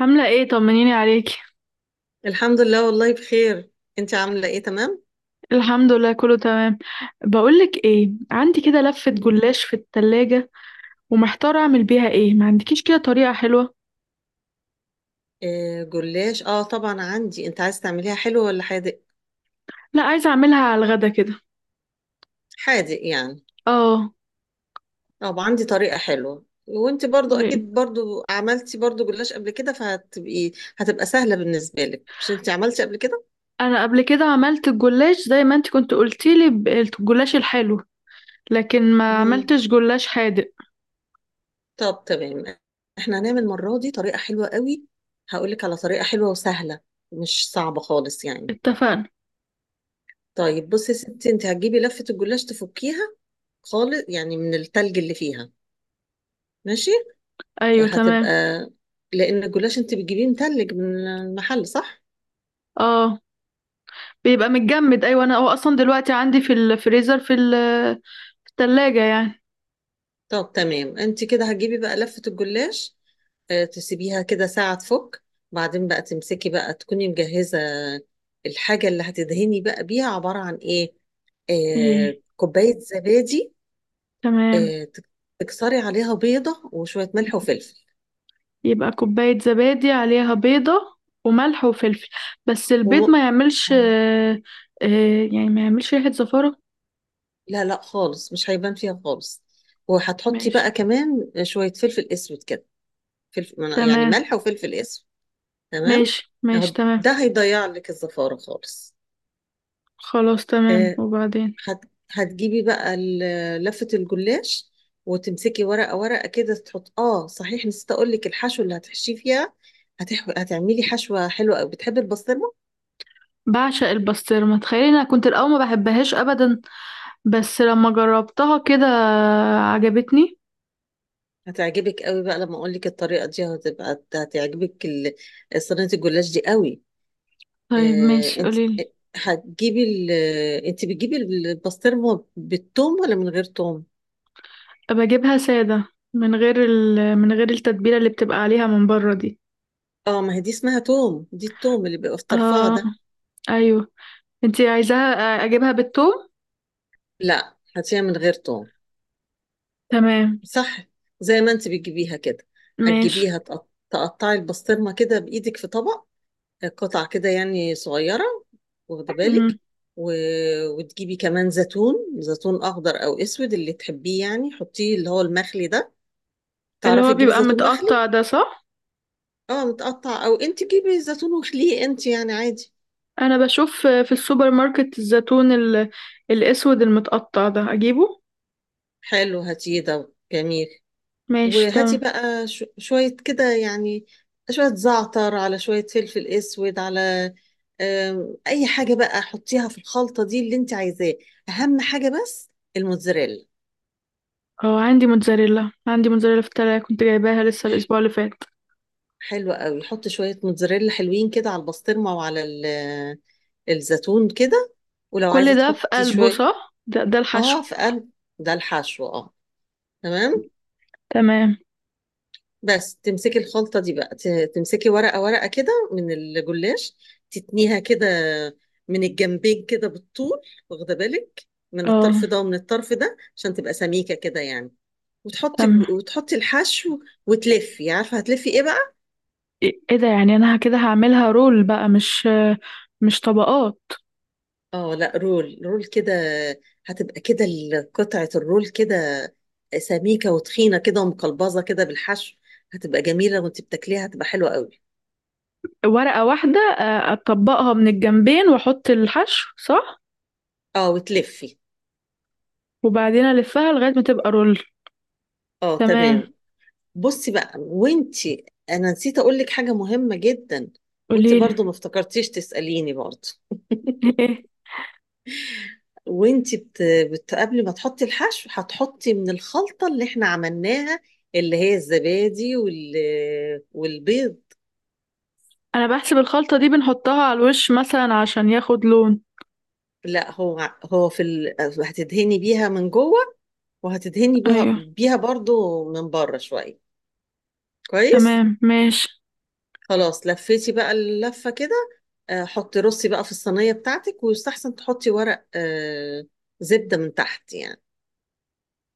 عاملة ايه؟ طمنيني عليكي. الحمد لله والله بخير. انت عامله ايه؟ تمام. الحمد لله كله تمام. بقولك ايه، عندي كده لفة مم. جلاش في التلاجة ومحتارة اعمل بيها ايه، ما عندكيش كده طريقة حلوة؟ جلاش، طبعا عندي. انت عايز تعمليها حلوه ولا حادق؟ لا، عايزة اعملها على الغدا كده. حادق يعني. اه. طب عندي طريقه حلوه، وانت برضو قولي. اكيد برضو عملتي برضو جلاش قبل كده، فهتبقي هتبقى سهله بالنسبه لك. مش انت عملتي قبل كده؟ انا قبل كده عملت الجلاش زي ما انت كنت قلتيلي الجلاش الحلو، لكن ما مم. عملتش جلاش حادق. طب تمام. احنا هنعمل المره دي طريقه حلوه قوي. هقول لك على طريقه حلوه وسهله، مش صعبه خالص يعني. اتفقنا. طيب بصي يا ستي، انت هتجيبي لفه الجلاش تفكيها خالص يعني من التلج اللي فيها، ماشي. ايوه هتبقى تمام. لان الجلاش انت بتجيبيه متلج من المحل، صح. اه بيبقى متجمد، ايوه انا هو اصلا دلوقتي عندي في الفريزر في في التلاجة يعني. طب تمام. انت كده هتجيبي بقى لفة الجلاش، تسيبيها كده ساعة تفك، بعدين بقى تمسكي بقى تكوني مجهزة. الحاجة اللي هتدهني بقى بيها عبارة عن ايه؟ ايه كوباية زبادي، تمام. آه، تك- تكسري عليها بيضة وشوية ملح وفلفل. يبقى كوباية زبادي عليها بيضة وملح وفلفل، بس البيض وم... ما يعملش آه. يعني ما يعملش ريحة زفارة. لا لا خالص، مش هيبان فيها خالص. وهتحطي ماشي. بقى كمان شوية فلفل اسود كده. فلفل يعني، تمام. ملح وفلفل اسود. تمام. ماشي ماشي. اهو تمام. ده هيضيع لك الزفارة خالص. خلاص تمام. آه، وبعدين؟ هتجيبي بقى لفة الجلاش وتمسكي ورقة ورقة كده، تحط، اه صحيح نسيت اقول لك الحشو اللي هتحشيه فيها. هتعملي حشوة حلوة قوي. بتحبي البسطرمة؟ بعشق البسطرمة، تخيلي انا كنت الاول ما بحبهاش ابدا، بس لما جربتها كده عجبتني. هتعجبك قوي بقى لما اقول لك الطريقة دي، هتبقى هتعجبك صينية الجلاش دي قوي. طيب ماشي انت قوليلي. هتجيبي انت بتجيبي البسطرمة بالثوم ولا من غير ثوم؟ ابقى اجيبها سادة، من غير من غير التتبيلة اللي بتبقى عليها من بره دي. اه ما هي دي اسمها توم، دي التوم اللي بيبقى في طرفها اه. ده. ايوه. انتي عايزاها اجيبها بالثوم؟ لا، حتسويها من غير توم، تمام صح، زي ما انت بتجيبيها كده. ماشي. هتجيبيها تقطعي البسطرمة كده بإيدك في طبق، قطع كده يعني صغيرة، واخدة بالك. مم. و... وتجيبي كمان زيتون، زيتون أخضر أو أسود اللي تحبيه يعني، حطيه اللي هو المخلي ده. اللي تعرفي هو تجيبي بيبقى زيتون مخلي. متقطع ده، صح؟ اه متقطع، أو انت جيبي زيتون وخليه انت يعني عادي. انا بشوف في السوبر ماركت الزيتون الاسود المتقطع ده اجيبه. حلو، هاتيه ده جميل. ماشي تمام. وهاتي بقى شوية كده يعني، شوية زعتر، على شوية فلفل أسود، على أي حاجة بقى حطيها في الخلطة دي اللي أنت عايزاه. أهم حاجة بس الموتزاريلا. اه عندي موتزاريلا، عندي موتزاريلا في التلاجة، كنت جايباها لسه الاسبوع اللي فات. حلوة قوي، حط شوية موتزاريلا حلوين كده على البسطرمة وعلى الزيتون كده. ولو كل عايزة ده في تحطي قلبه، شوية، صح؟ ده, ده الحشو. آه في قلب. ده الحشو، آه تمام. تمام. بس تمسكي الخلطة دي بقى، تمسكي ورقة ورقة كده من الجلاش، تتنيها كده من الجنبين كده بالطول، واخدة بالك، من اه الطرف ده ومن الطرف ده عشان تبقى سميكة كده يعني. وتحطي تمام. وتحطي الحشو. وتلفي. عارفة هتلفي ايه بقى؟ ايه إيه ده؟ يعني انا كده هعملها رول بقى؟ مش طبقات؟ اه لا، رول رول كده. هتبقى كده قطعة الرول كده سميكة وتخينة كده ومقلبظة كده بالحشو. هتبقى جميلة، وانت بتاكليها هتبقى حلوة قوي. ورقة واحدة اطبقها من الجنبين واحط الحشو، صح؟ اه وتلفي. وبعدين الفها لغاية ما تبقى رول. اه تمام. تمام. بصي بقى، وانتي انا نسيت اقول لك حاجه مهمه جدا، وانتي قوليلي. برضو ما افتكرتيش تساليني برضو. ايه؟ وانتي بت... قبل ما تحطي الحشو، هتحطي من الخلطه اللي احنا عملناها، اللي هي الزبادي والبيض. انا بحسب الخلطة دي بنحطها على الوش مثلا عشان ياخد لون. لا، هو هو في هتدهني بيها من جوه، وهتدهني بيها ايوه. بيها برضو من بره شويه، كويس. تمام ماشي. خلاص لفيتي بقى اللفة كده، حطي رصي بقى في الصينية بتاعتك، ويستحسن تحطي ورق زبدة من تحت يعني.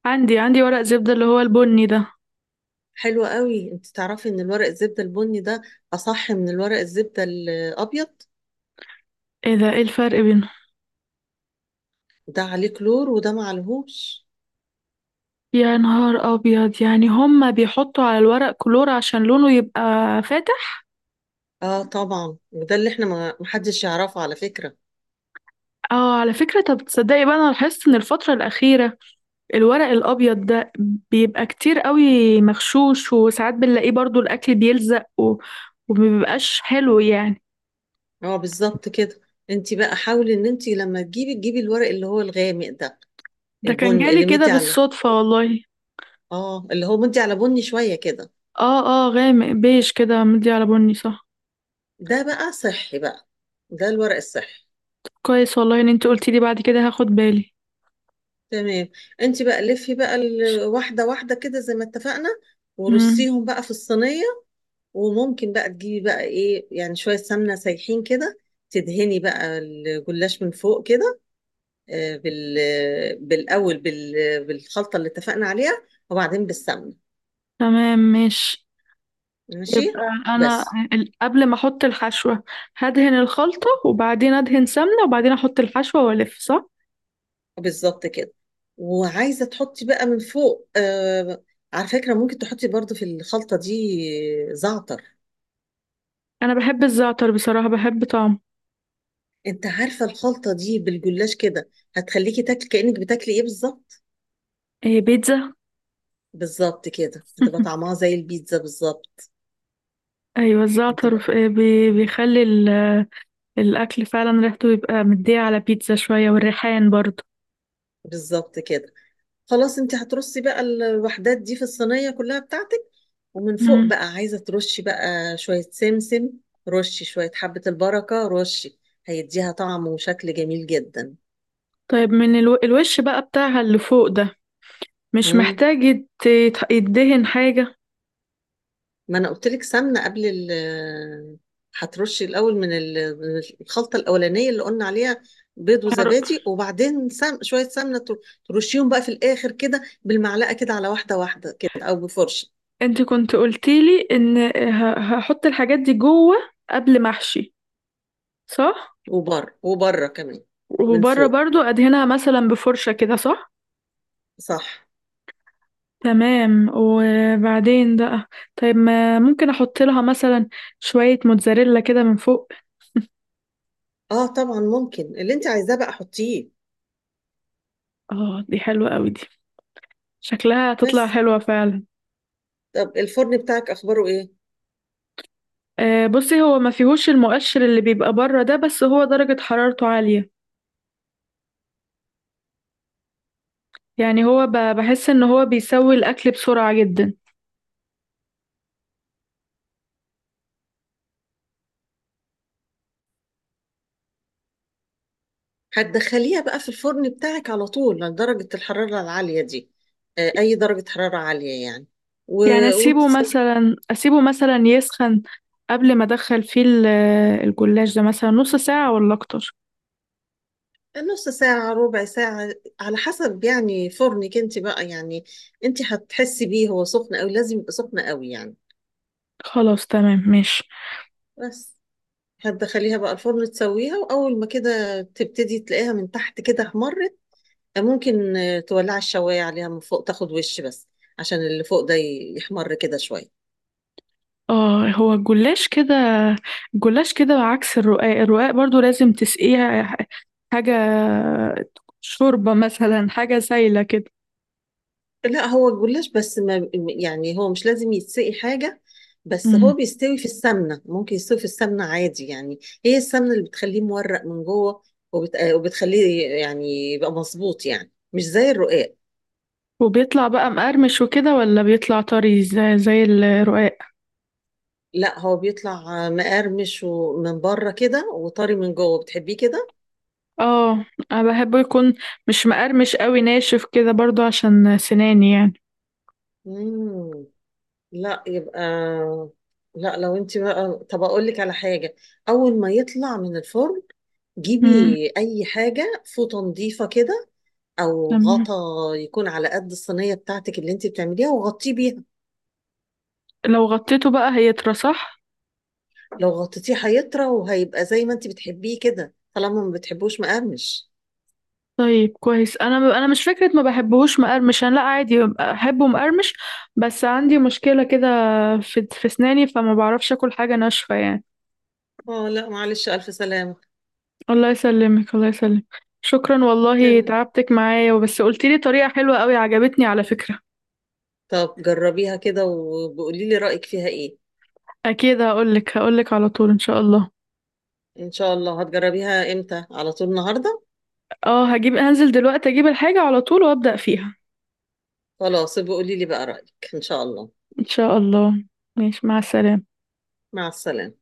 عندي، عندي ورق زبدة اللي هو البني ده. حلو قوي. انت تعرفي ان الورق الزبدة البني ده اصح من الورق الزبدة الابيض؟ ايه ده؟ ايه الفرق بينهم؟ ده عليه كلور وده معلهوش. يا نهار ابيض، يعني هما بيحطوا على الورق كلور عشان لونه يبقى فاتح؟ اه طبعا، وده اللي احنا ما محدش يعرفه على فكرة. اه على فكرة. طب تصدقي بقى انا لاحظت ان الفترة الاخيرة الورق الابيض ده بيبقى كتير قوي مغشوش، وساعات بنلاقيه برضو الاكل بيلزق ومبيبقاش حلو يعني. اه بالظبط كده. انت بقى حاولي ان انت لما تجيبي، تجيبي الورق اللي هو الغامق ده، ده كان البني جالي اللي كده مدي على، بالصدفة والله. اه اللي هو مدي على بني شوية كده. اه. اه غامق بيج كده مدي على بني، صح. ده بقى صحي بقى، ده الورق الصحي. كويس والله ان انت قلتي لي، بعد كده هاخد بالي. تمام. انت بقى لفي بقى واحده واحده كده زي ما اتفقنا، امم. ورصيهم بقى في الصينيه. وممكن بقى تجيبي بقى ايه يعني، شويه سمنه سايحين كده، تدهني بقى الجلاش من فوق كده، آه، بال بالاول بالخلطه اللي اتفقنا عليها، وبعدين بالسمنه. تمام ماشي. ماشي يبقى انا بس. قبل ما احط الحشوة هدهن الخلطة، وبعدين ادهن سمنة، وبعدين احط الحشوة والف، صح؟ بالظبط كده. وعايزه تحطي بقى من فوق، على فكره ممكن تحطي برضو في الخلطه دي زعتر. انا بحب الزعتر بصراحة، بحب طعمه. انت عارفة الخلطة دي بالجلاش كده هتخليكي تاكلي كأنك بتاكلي ايه بالظبط؟ ايه؟ بيتزا؟ بالظبط كده، هتبقى طعمها زي البيتزا بالظبط. ايوه الزعتر هتبقى بيخلي الاكل فعلا ريحته يبقى مديه على بيتزا شوية، والريحان برضه. بالظبط كده. خلاص، انت هترصي بقى الوحدات دي في الصينية كلها بتاعتك. ومن فوق امم. بقى عايزة ترشي بقى شوية سمسم، رشي شوية حبة البركة، رشي. هيديها طعم وشكل جميل جدا. طيب من الوش بقى بتاعها اللي فوق ده مش مم. محتاج يدهن حاجة؟ ما انا قلت لك سمنه، قبل ال... هترشي الاول من من الخلطه الاولانيه اللي قلنا عليها، بيض هر-. وزبادي، وبعدين شويه سمنه، ترشيهم بقى في الاخر كده بالمعلقه كده على واحده واحده كده، او بفرشه. انت كنت قلتيلي ان هحط الحاجات دي جوه قبل ما احشي، صح؟ وبره وبره كمان من وبره فوق، برضو ادهنها مثلا بفرشة كده، صح؟ صح. تمام. وبعدين بقى، طيب ما ممكن احط لها مثلا شوية موتزاريلا كده من فوق؟ اه طبعا، ممكن اللي انت عايزاه بقى حطيه. اه دي حلوة قوي دي، شكلها هتطلع بس، حلوة فعلا. طب الفرن بتاعك اخباره ايه؟ آه بصي، هو ما فيهوش المؤشر اللي بيبقى بره ده، بس هو درجة حرارته عالية. يعني هو بحس ان هو بيسوي الاكل بسرعة جدا. هتدخليها بقى في الفرن بتاعك على طول لدرجه الحراره العاليه دي؟ اي درجه حراره عاليه يعني. يعني اسيبه مثلا، اسيبه مثلا يسخن قبل ما ادخل فيه الجلاش ده مثلا نص ساعة ولا اكتر؟ نص ساعة، ربع ساعة، على حسب يعني فرنك انت بقى يعني، انت هتحسي بيه هو سخن قوي، لازم يبقى سخن قوي يعني. خلاص تمام ماشي. بس هتدخليها بقى الفرن تسويها، وأول ما كده تبتدي تلاقيها من تحت كده احمرت، ممكن تولعي الشواية عليها من فوق تاخد وش بس، عشان اللي فوق ده يحمر كده شوية. اه هو الجلاش كده، الجلاش كده عكس الرقاق. الرقاق برضو لازم تسقيها حاجة، شوربة مثلا، حاجة سايلة كده. لا، هو الجلاش بس ما يعني هو مش لازم يتسقي حاجة. بس مم. هو بيستوي في السمنة، ممكن يستوي في السمنة عادي يعني. هي السمنة اللي بتخليه مورق من جوه، وبتخليه يعني يبقى مظبوط يعني مش زي الرقاق. وبيطلع بقى مقرمش وكده ولا بيطلع طري زي، زي الرقاق؟ لا، هو بيطلع مقرمش ومن بره كده وطري من جوه. بتحبيه كده. اه. انا بحبه يكون مش مقرمش قوي، ناشف كده برضو عشان سناني يعني. مم. لا يبقى، لا لو انت بقى، طب اقول لك على حاجة. اول ما يطلع من الفرن جيبي مم. اي حاجة، فوطة نظيفة كده او تمام. غطا يكون على قد الصينيه بتاعتك اللي انت بتعمليها، وغطيه بيها. لو غطيته بقى هيطرى، صح؟ لو غطيتيه هيطرى، وهيبقى زي ما انت بتحبيه كده طالما ما بتحبوش مقرمش. طيب كويس. انا انا مش فكره ما بحبهوش مقرمش، انا لا عادي احبه مقرمش، بس عندي مشكله كده في في اسناني، فما بعرفش اكل حاجه ناشفه يعني. اه لا معلش، الف سلامه. الله يسلمك، الله يسلمك. شكرا والله تمام. تعبتك معايا، وبس قلتي لي طريقه حلوه قوي عجبتني على فكره. طب جربيها كده، وبقولي لي رايك فيها ايه. اكيد هقولك، هقولك على طول ان شاء الله. ان شاء الله. هتجربيها امتى؟ على طول النهارده. اه هجيب، هنزل دلوقتي اجيب الحاجه على طول وابدا فيها خلاص، بقولي لي بقى رايك ان شاء الله. ان شاء الله. ماشي، مع السلامه. مع السلامه.